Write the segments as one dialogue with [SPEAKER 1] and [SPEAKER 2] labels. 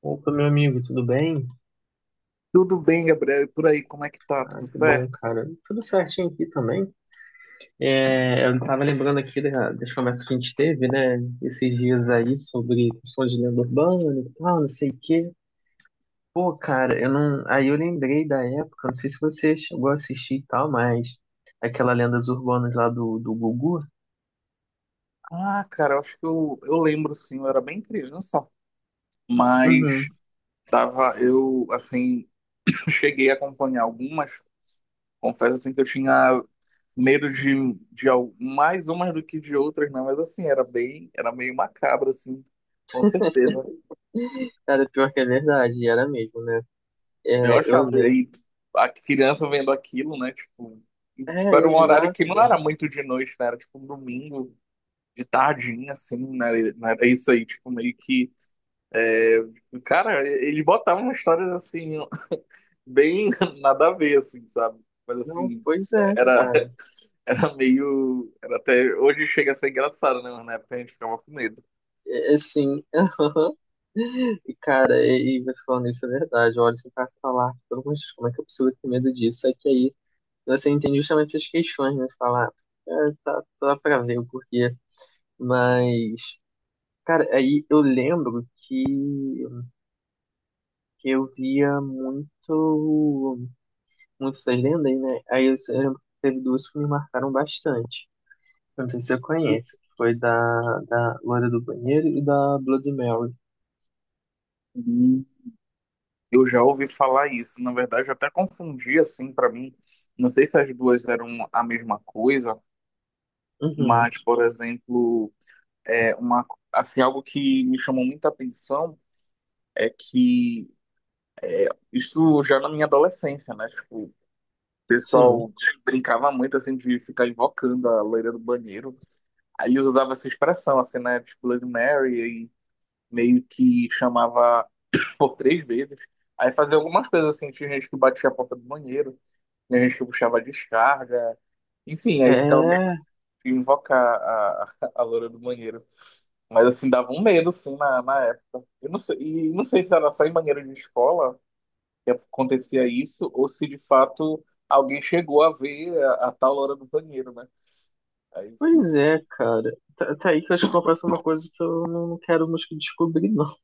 [SPEAKER 1] Opa, meu amigo, tudo bem?
[SPEAKER 2] Tudo bem, Gabriel? E por aí, como é que tá?
[SPEAKER 1] Ah,
[SPEAKER 2] Tudo
[SPEAKER 1] que bom,
[SPEAKER 2] certo?
[SPEAKER 1] cara. Tudo certinho aqui também. É, eu tava lembrando aqui das conversas que a gente teve, né, esses dias aí sobre questão de lenda urbana e tal, não sei o quê. Pô, cara, eu não. Aí eu lembrei da época, não sei se você chegou a assistir e tal, mas aquela Lendas Urbanas lá do Gugu.
[SPEAKER 2] Ah, cara, eu acho que eu lembro, sim, eu era bem criança, mas
[SPEAKER 1] Uhum.
[SPEAKER 2] tava, eu, assim, cheguei a acompanhar algumas, confesso, assim, que eu tinha medo de mais umas do que de outras, né? Mas, assim, era bem, era meio macabro, assim, com certeza.
[SPEAKER 1] Cara, pior que é verdade, era mesmo, né?
[SPEAKER 2] Eu
[SPEAKER 1] É, eu
[SPEAKER 2] achava,
[SPEAKER 1] lembro.
[SPEAKER 2] aí, a criança vendo aquilo, né, tipo, e,
[SPEAKER 1] É,
[SPEAKER 2] tipo, era um horário que não
[SPEAKER 1] exato.
[SPEAKER 2] era muito de noite, né? Era, tipo, um domingo, de tardinha, assim, né? Era isso aí, tipo, meio que. Cara, eles botavam histórias assim, bem nada a ver, assim, sabe? Mas
[SPEAKER 1] Não,
[SPEAKER 2] assim,
[SPEAKER 1] pois é,
[SPEAKER 2] era,
[SPEAKER 1] cara.
[SPEAKER 2] era meio. Era até. Hoje chega a ser engraçado, né? Mas na época a gente ficava com medo.
[SPEAKER 1] É, é sim. E, cara, e você falando isso é verdade. Olha, se o cara falar, pelo amor de Deus, como é que eu preciso ter medo disso? É que aí você entende justamente essas questões, né? Você fala, "Ah, é, tá, tá pra ver o porquê." Mas, cara, aí eu lembro que eu via muito, muito essas lendas, né? Aí eu lembro que teve duas que me marcaram bastante. Não sei se você conhece, que foi da Loira do Banheiro e da Bloody Mary.
[SPEAKER 2] Hum. Eu já ouvi falar isso. Na verdade, eu até confundi, assim, pra mim. Não sei se as duas eram a mesma coisa,
[SPEAKER 1] Uhum,
[SPEAKER 2] mas, por exemplo, é uma, assim, algo que me chamou muita atenção é que isso já na minha adolescência, né? Tipo, o
[SPEAKER 1] sim.
[SPEAKER 2] pessoal brincava muito, assim, de ficar invocando a loira do banheiro. Aí usava essa expressão, assim, né? Tipo, Bloody Mary, e meio que chamava por 3 vezes. Aí fazia algumas coisas, assim, tinha gente que batia a porta do banheiro, tinha gente que puxava a descarga. Enfim, aí ficava meio
[SPEAKER 1] É,
[SPEAKER 2] que invocar a loira do banheiro. Mas, assim, dava um medo, assim, na época. Eu não sei, e não sei se era só em banheiro de escola que acontecia isso ou se de fato alguém chegou a ver a tal hora do banheiro, né? Aí sim,
[SPEAKER 1] pois é, cara. Tá, tá aí que eu acho que confesso uma coisa que eu não quero nos descobrir, não.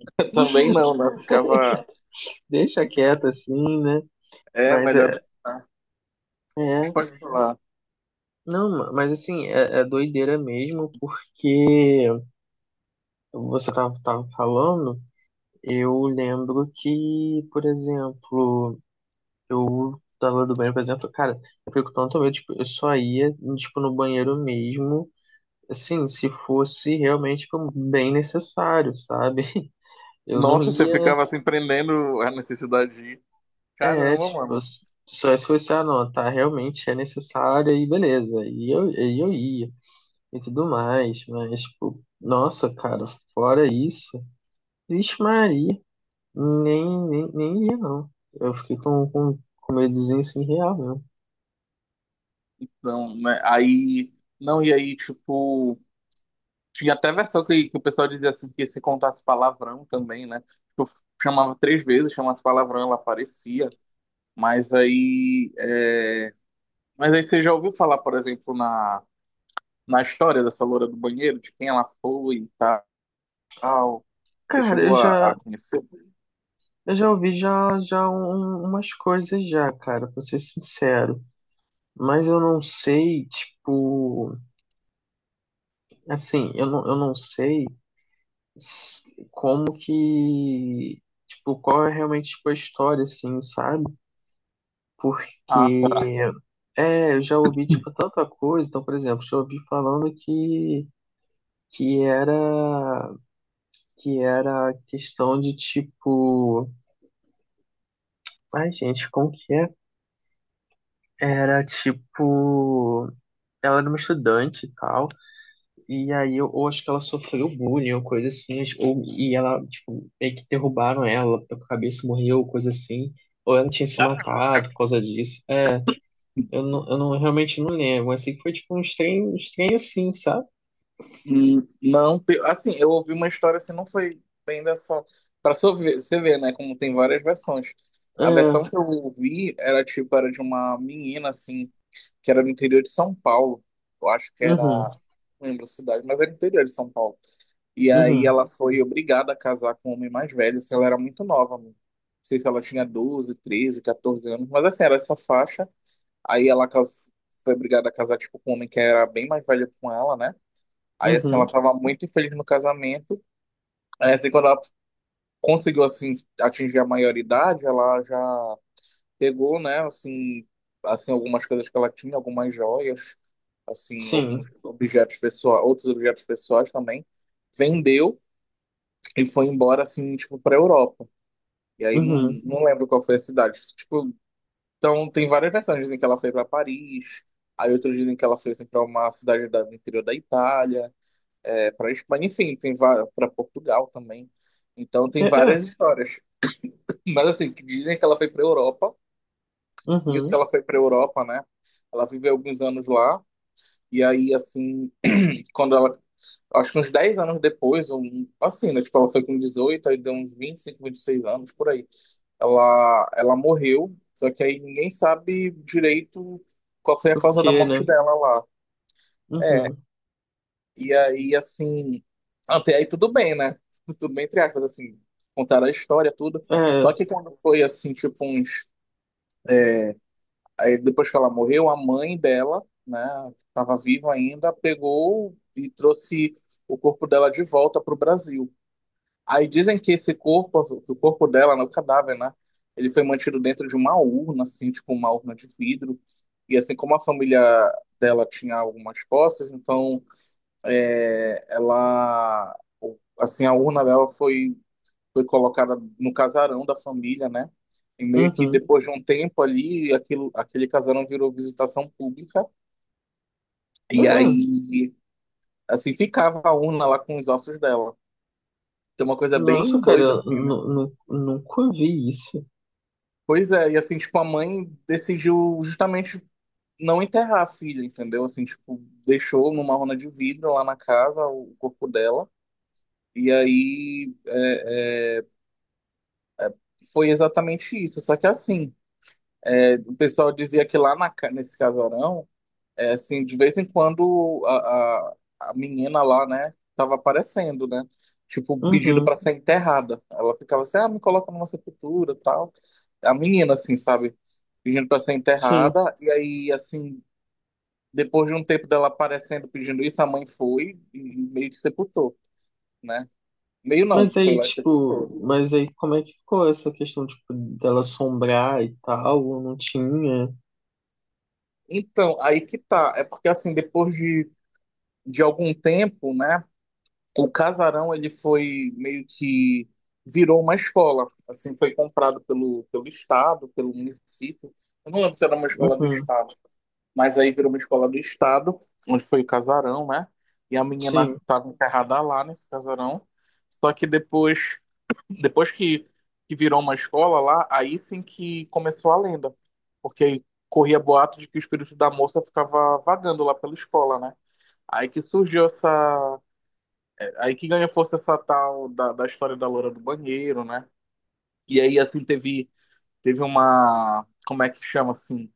[SPEAKER 2] também não, né? Ficava,
[SPEAKER 1] Deixa
[SPEAKER 2] ficava-
[SPEAKER 1] quieto assim, né?
[SPEAKER 2] é
[SPEAKER 1] Mas
[SPEAKER 2] melhor
[SPEAKER 1] é,
[SPEAKER 2] deixar. Mas
[SPEAKER 1] é.
[SPEAKER 2] pode falar.
[SPEAKER 1] Não, mas assim, é, é doideira mesmo, porque você tava falando, eu lembro que, por exemplo, eu tava do banheiro, por exemplo, cara, eu fico tanto medo, tipo, eu só ia, tipo, no banheiro mesmo, assim, se fosse realmente, tipo, bem necessário, sabe? Eu não
[SPEAKER 2] Nossa, você
[SPEAKER 1] ia.
[SPEAKER 2] ficava assim prendendo a necessidade de ir.
[SPEAKER 1] É,
[SPEAKER 2] Caramba,
[SPEAKER 1] tipo,
[SPEAKER 2] mano.
[SPEAKER 1] só se fosse, ah, não, tá, realmente é necessária e beleza, e eu ia, e tudo mais, mas, tipo, nossa, cara, fora isso, vixe Maria, nem ia, não. Eu fiquei com medozinho, assim, real mesmo.
[SPEAKER 2] Então, né? Aí, não, e aí, tipo, tinha até versão que o pessoal dizia assim que se contasse palavrão também, né? Tipo, chamava 3 vezes, chamasse palavrão, ela aparecia. Mas aí, é, mas aí você já ouviu falar, por exemplo, na, na história dessa loura do banheiro, de quem ela foi e tal? Você
[SPEAKER 1] Cara,
[SPEAKER 2] chegou a, a conhecer?
[SPEAKER 1] eu já ouvi já, já umas coisas já, cara, pra ser sincero, mas eu não sei, tipo, assim, eu não sei s- como que, tipo, qual é realmente tipo, a história, assim, sabe?
[SPEAKER 2] Ah, tá.
[SPEAKER 1] Porque, é, eu já ouvi, tipo, tanta coisa. Então, por exemplo, já ouvi falando que era, que era questão de, tipo, ai, gente, como que é? Era, tipo, ela era uma estudante e tal. E aí eu acho que ela sofreu bullying ou coisa assim, ou, e ela, tipo, meio que derrubaram ela, ela a cabeça, morreu, coisa assim, ou ela tinha se
[SPEAKER 2] Caramba.
[SPEAKER 1] matado por causa disso. É, eu não realmente não lembro, mas sei que foi tipo um estranho assim, sabe?
[SPEAKER 2] Hum. Não, assim, eu ouvi uma história assim, não foi bem dessa. Pra só ver- você ver, né, como tem várias versões. A versão
[SPEAKER 1] É,
[SPEAKER 2] que eu ouvi era tipo, era de uma menina, assim, que era no interior de São Paulo. Eu acho que era.
[SPEAKER 1] uhum,
[SPEAKER 2] Não lembro a cidade, mas era interior de São Paulo. E aí
[SPEAKER 1] uhum,
[SPEAKER 2] ela foi obrigada a casar com um homem mais velho, se ela era muito nova, mano. Não sei se ela tinha 12 13 14 anos, mas assim, era essa faixa. Aí ela cas- Foi obrigada a casar, tipo, com um homem que era bem mais velho com ela, né? Aí assim, ela
[SPEAKER 1] uhum,
[SPEAKER 2] tava muito infeliz no casamento. Aí assim, quando ela conseguiu, assim, atingir a maioridade, ela já pegou, né, assim, assim, algumas coisas que ela tinha, algumas joias, assim,
[SPEAKER 1] sim,
[SPEAKER 2] alguns objetos pessoais, outros objetos pessoais também. Vendeu e foi embora assim, tipo, pra Europa. E aí não,
[SPEAKER 1] uhum,
[SPEAKER 2] não lembro qual foi a cidade. Tipo, então tem várias versões. Dizem que ela foi pra Paris, aí outros dizem que ela foi assim, pra uma cidade da, do interior da Itália, é, pra Espanha, enfim, tem várias, pra Portugal também. Então
[SPEAKER 1] é,
[SPEAKER 2] tem
[SPEAKER 1] é,
[SPEAKER 2] várias histórias. Mas assim, que dizem que ela foi pra Europa. Nisso que
[SPEAKER 1] uhum,
[SPEAKER 2] ela foi pra Europa, né? Ela viveu alguns anos lá. E aí, assim, quando ela. Acho que uns 10 anos depois, um, assim, né? Tipo, ela foi com 18, aí deu uns 25, seis anos, por aí. Ela morreu, só que aí ninguém sabe direito qual foi a
[SPEAKER 1] o
[SPEAKER 2] causa da
[SPEAKER 1] que,
[SPEAKER 2] morte
[SPEAKER 1] né?
[SPEAKER 2] dela lá. É,
[SPEAKER 1] Uhum,
[SPEAKER 2] e aí, assim, até aí tudo bem, né? Tudo bem, entre aspas, assim, contaram a história, tudo.
[SPEAKER 1] é,
[SPEAKER 2] Só que quando foi, assim, tipo uns... Aí depois que ela morreu, a mãe dela, né, que tava viva ainda, pegou e trouxe o corpo dela de volta pro Brasil. Aí dizem que esse corpo, que o corpo dela, né, o cadáver, né? Ele foi mantido dentro de uma urna, assim, tipo uma urna de vidro. E assim como a família dela tinha algumas posses, então é, ela, o- assim, a urna dela foi colocada no casarão da família, né? E meio que
[SPEAKER 1] uhum,
[SPEAKER 2] depois de um tempo ali, aquilo, aquele casarão virou visitação pública.
[SPEAKER 1] é,
[SPEAKER 2] E
[SPEAKER 1] é.
[SPEAKER 2] aí, assim, ficava a urna lá com os ossos dela. Tem uma coisa
[SPEAKER 1] Nossa,
[SPEAKER 2] bem
[SPEAKER 1] cara,
[SPEAKER 2] doida,
[SPEAKER 1] eu
[SPEAKER 2] assim, né?
[SPEAKER 1] nunca vi isso.
[SPEAKER 2] Pois é, e assim, tipo, a mãe decidiu justamente não enterrar a filha, entendeu? Assim, tipo, deixou numa rona de vidro lá na casa o corpo dela. E aí é, é, foi exatamente isso. Só que assim, é, o pessoal dizia que lá nesse casarão, é, assim, de vez em quando a menina lá, né, tava aparecendo, né? Tipo, pedindo
[SPEAKER 1] Uhum,
[SPEAKER 2] pra ser enterrada. Ela ficava assim, ah, me coloca numa sepultura, tal. A menina, assim, sabe? Pedindo pra ser
[SPEAKER 1] sim.
[SPEAKER 2] enterrada. E aí, assim, depois de um tempo dela aparecendo pedindo isso, a mãe foi e meio que sepultou, né? Meio não,
[SPEAKER 1] Mas
[SPEAKER 2] foi
[SPEAKER 1] aí,
[SPEAKER 2] lá e
[SPEAKER 1] tipo,
[SPEAKER 2] sepultou.
[SPEAKER 1] mas aí como é que ficou essa questão, tipo, dela assombrar e tal? Não tinha?
[SPEAKER 2] Então, aí que tá. É porque, assim, depois de algum tempo, né? O casarão, ele foi meio que virou uma escola. Assim, foi comprado pelo, pelo estado, pelo município. Eu não lembro se era uma escola do
[SPEAKER 1] Uhum,
[SPEAKER 2] estado, mas aí virou uma escola do estado, onde foi o casarão, né? E a menina
[SPEAKER 1] sim,
[SPEAKER 2] estava enterrada lá nesse casarão. Só que depois, depois que virou uma escola lá, aí sim que começou a lenda. Porque aí corria boato de que o espírito da moça ficava vagando lá pela escola, né? Aí que surgiu essa. Aí que ganha força essa tal da história da loura do banheiro, né? E aí, assim, teve uma. Como é que chama assim?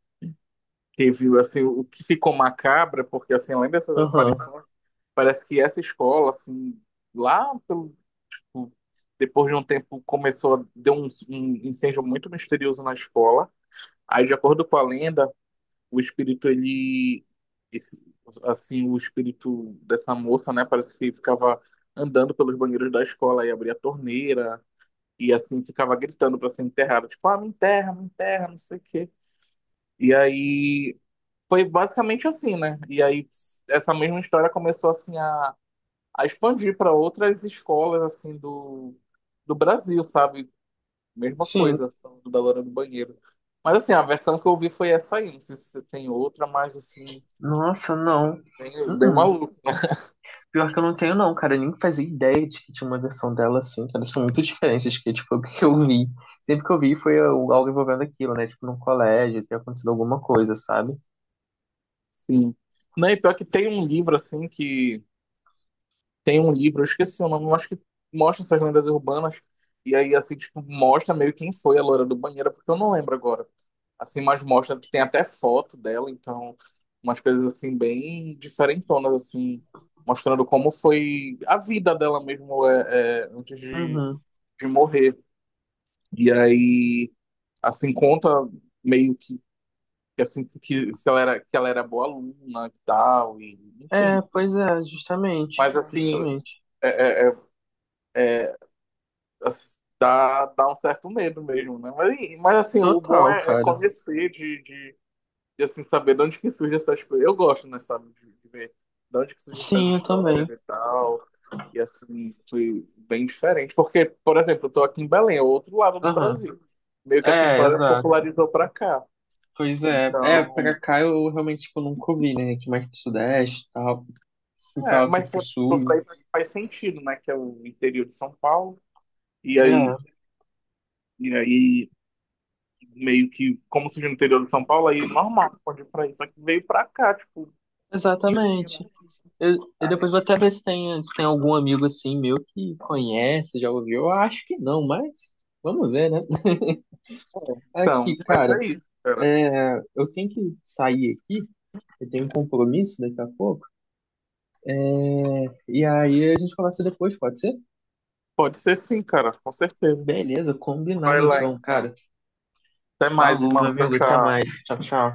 [SPEAKER 2] Teve assim, o que ficou macabra, porque assim, além dessas
[SPEAKER 1] aham,
[SPEAKER 2] aparições, parece que essa escola, assim, lá pelo. Tipo, depois de um tempo começou a deu um, um incêndio muito misterioso na escola. Aí, de acordo com a lenda, o espírito, ele. Esse- assim, o espírito dessa moça, né? Parece que ficava andando pelos banheiros da escola e abria a torneira e, assim, ficava gritando para ser enterrada. Tipo, ah, me enterra, não sei o quê. E aí. Foi basicamente assim, né? E aí, essa mesma história começou, assim, a expandir para outras escolas, assim, do Brasil, sabe? Mesma
[SPEAKER 1] sim.
[SPEAKER 2] coisa, falando da loira do banheiro. Mas assim, a versão que eu ouvi foi essa aí. Não sei se você tem outra, mas assim,
[SPEAKER 1] Nossa, não.
[SPEAKER 2] bem
[SPEAKER 1] Uhum.
[SPEAKER 2] maluco.
[SPEAKER 1] Pior que eu não tenho, não, cara. Eu nem fazia ideia de que tinha uma versão dela assim, cara. São muito diferentes que, tipo, o que eu vi. Sempre que eu vi foi algo algo envolvendo aquilo, né? Tipo, num colégio, ter acontecido alguma coisa, sabe?
[SPEAKER 2] Sim. Não, e pior que tem um livro, assim, que. Tem um livro, eu esqueci o nome, mas que mostra essas lendas urbanas. E aí, assim, tipo, mostra meio quem foi a loira do banheiro, porque eu não lembro agora. Assim, mas mostra, tem até foto dela, então, umas coisas, assim, bem diferentonas, assim, mostrando como foi a vida dela mesmo é, é, antes de,
[SPEAKER 1] Uhum.
[SPEAKER 2] de morrer. E aí, assim, conta meio que eu sinto que se ela era, que ela era boa aluna e tal, e,
[SPEAKER 1] É,
[SPEAKER 2] enfim.
[SPEAKER 1] pois é, justamente.
[SPEAKER 2] Mas assim,
[SPEAKER 1] Justamente.
[SPEAKER 2] é, é- é, as- dá, dá um certo medo mesmo, né? Mas, mas assim, o bom
[SPEAKER 1] Total,
[SPEAKER 2] é,
[SPEAKER 1] cara.
[SPEAKER 2] conhecer, saber de onde que surgem essas coisas. Eu gosto, né, sabe, de ver de onde que surgem essas
[SPEAKER 1] Sim, eu
[SPEAKER 2] histórias
[SPEAKER 1] também.
[SPEAKER 2] e tal. E assim, foi bem diferente. Porque, por exemplo, eu tô aqui em Belém, é o outro lado do
[SPEAKER 1] Aham.
[SPEAKER 2] Brasil. Meio que essa
[SPEAKER 1] É,
[SPEAKER 2] história
[SPEAKER 1] exato.
[SPEAKER 2] popularizou pra cá.
[SPEAKER 1] Pois é, é, pra
[SPEAKER 2] Então.
[SPEAKER 1] cá eu realmente, tipo, nunca ouvi, né? Aqui mais pro sudeste e tal, fui pra lá,
[SPEAKER 2] É,
[SPEAKER 1] assim,
[SPEAKER 2] mas
[SPEAKER 1] pro
[SPEAKER 2] se for
[SPEAKER 1] sul.
[SPEAKER 2] pra ir pra- faz sentido, né? Que é o interior de São Paulo. E aí,
[SPEAKER 1] É,
[SPEAKER 2] e aí meio que, como surgiu no interior de São Paulo, aí normal, pode ir pra isso. Só que veio pra cá, tipo, isso, né?
[SPEAKER 1] exatamente. Eu
[SPEAKER 2] Aí,
[SPEAKER 1] depois vou até ver se tem, algum amigo assim meu que conhece, já ouviu. Eu acho que não, mas vamos ver, né?
[SPEAKER 2] é. Então,
[SPEAKER 1] Aqui,
[SPEAKER 2] mas
[SPEAKER 1] cara,
[SPEAKER 2] é isso, cara.
[SPEAKER 1] é, eu tenho que sair aqui, eu tenho um compromisso daqui a pouco, e aí a gente conversa depois, pode ser?
[SPEAKER 2] Pode ser sim, cara, com certeza.
[SPEAKER 1] Beleza, combinado
[SPEAKER 2] Vai lá,
[SPEAKER 1] então,
[SPEAKER 2] então.
[SPEAKER 1] cara.
[SPEAKER 2] Até mais,
[SPEAKER 1] Falou, meu
[SPEAKER 2] irmão. Tchau,
[SPEAKER 1] amigo, até mais.
[SPEAKER 2] tchau.
[SPEAKER 1] Tchau, tchau.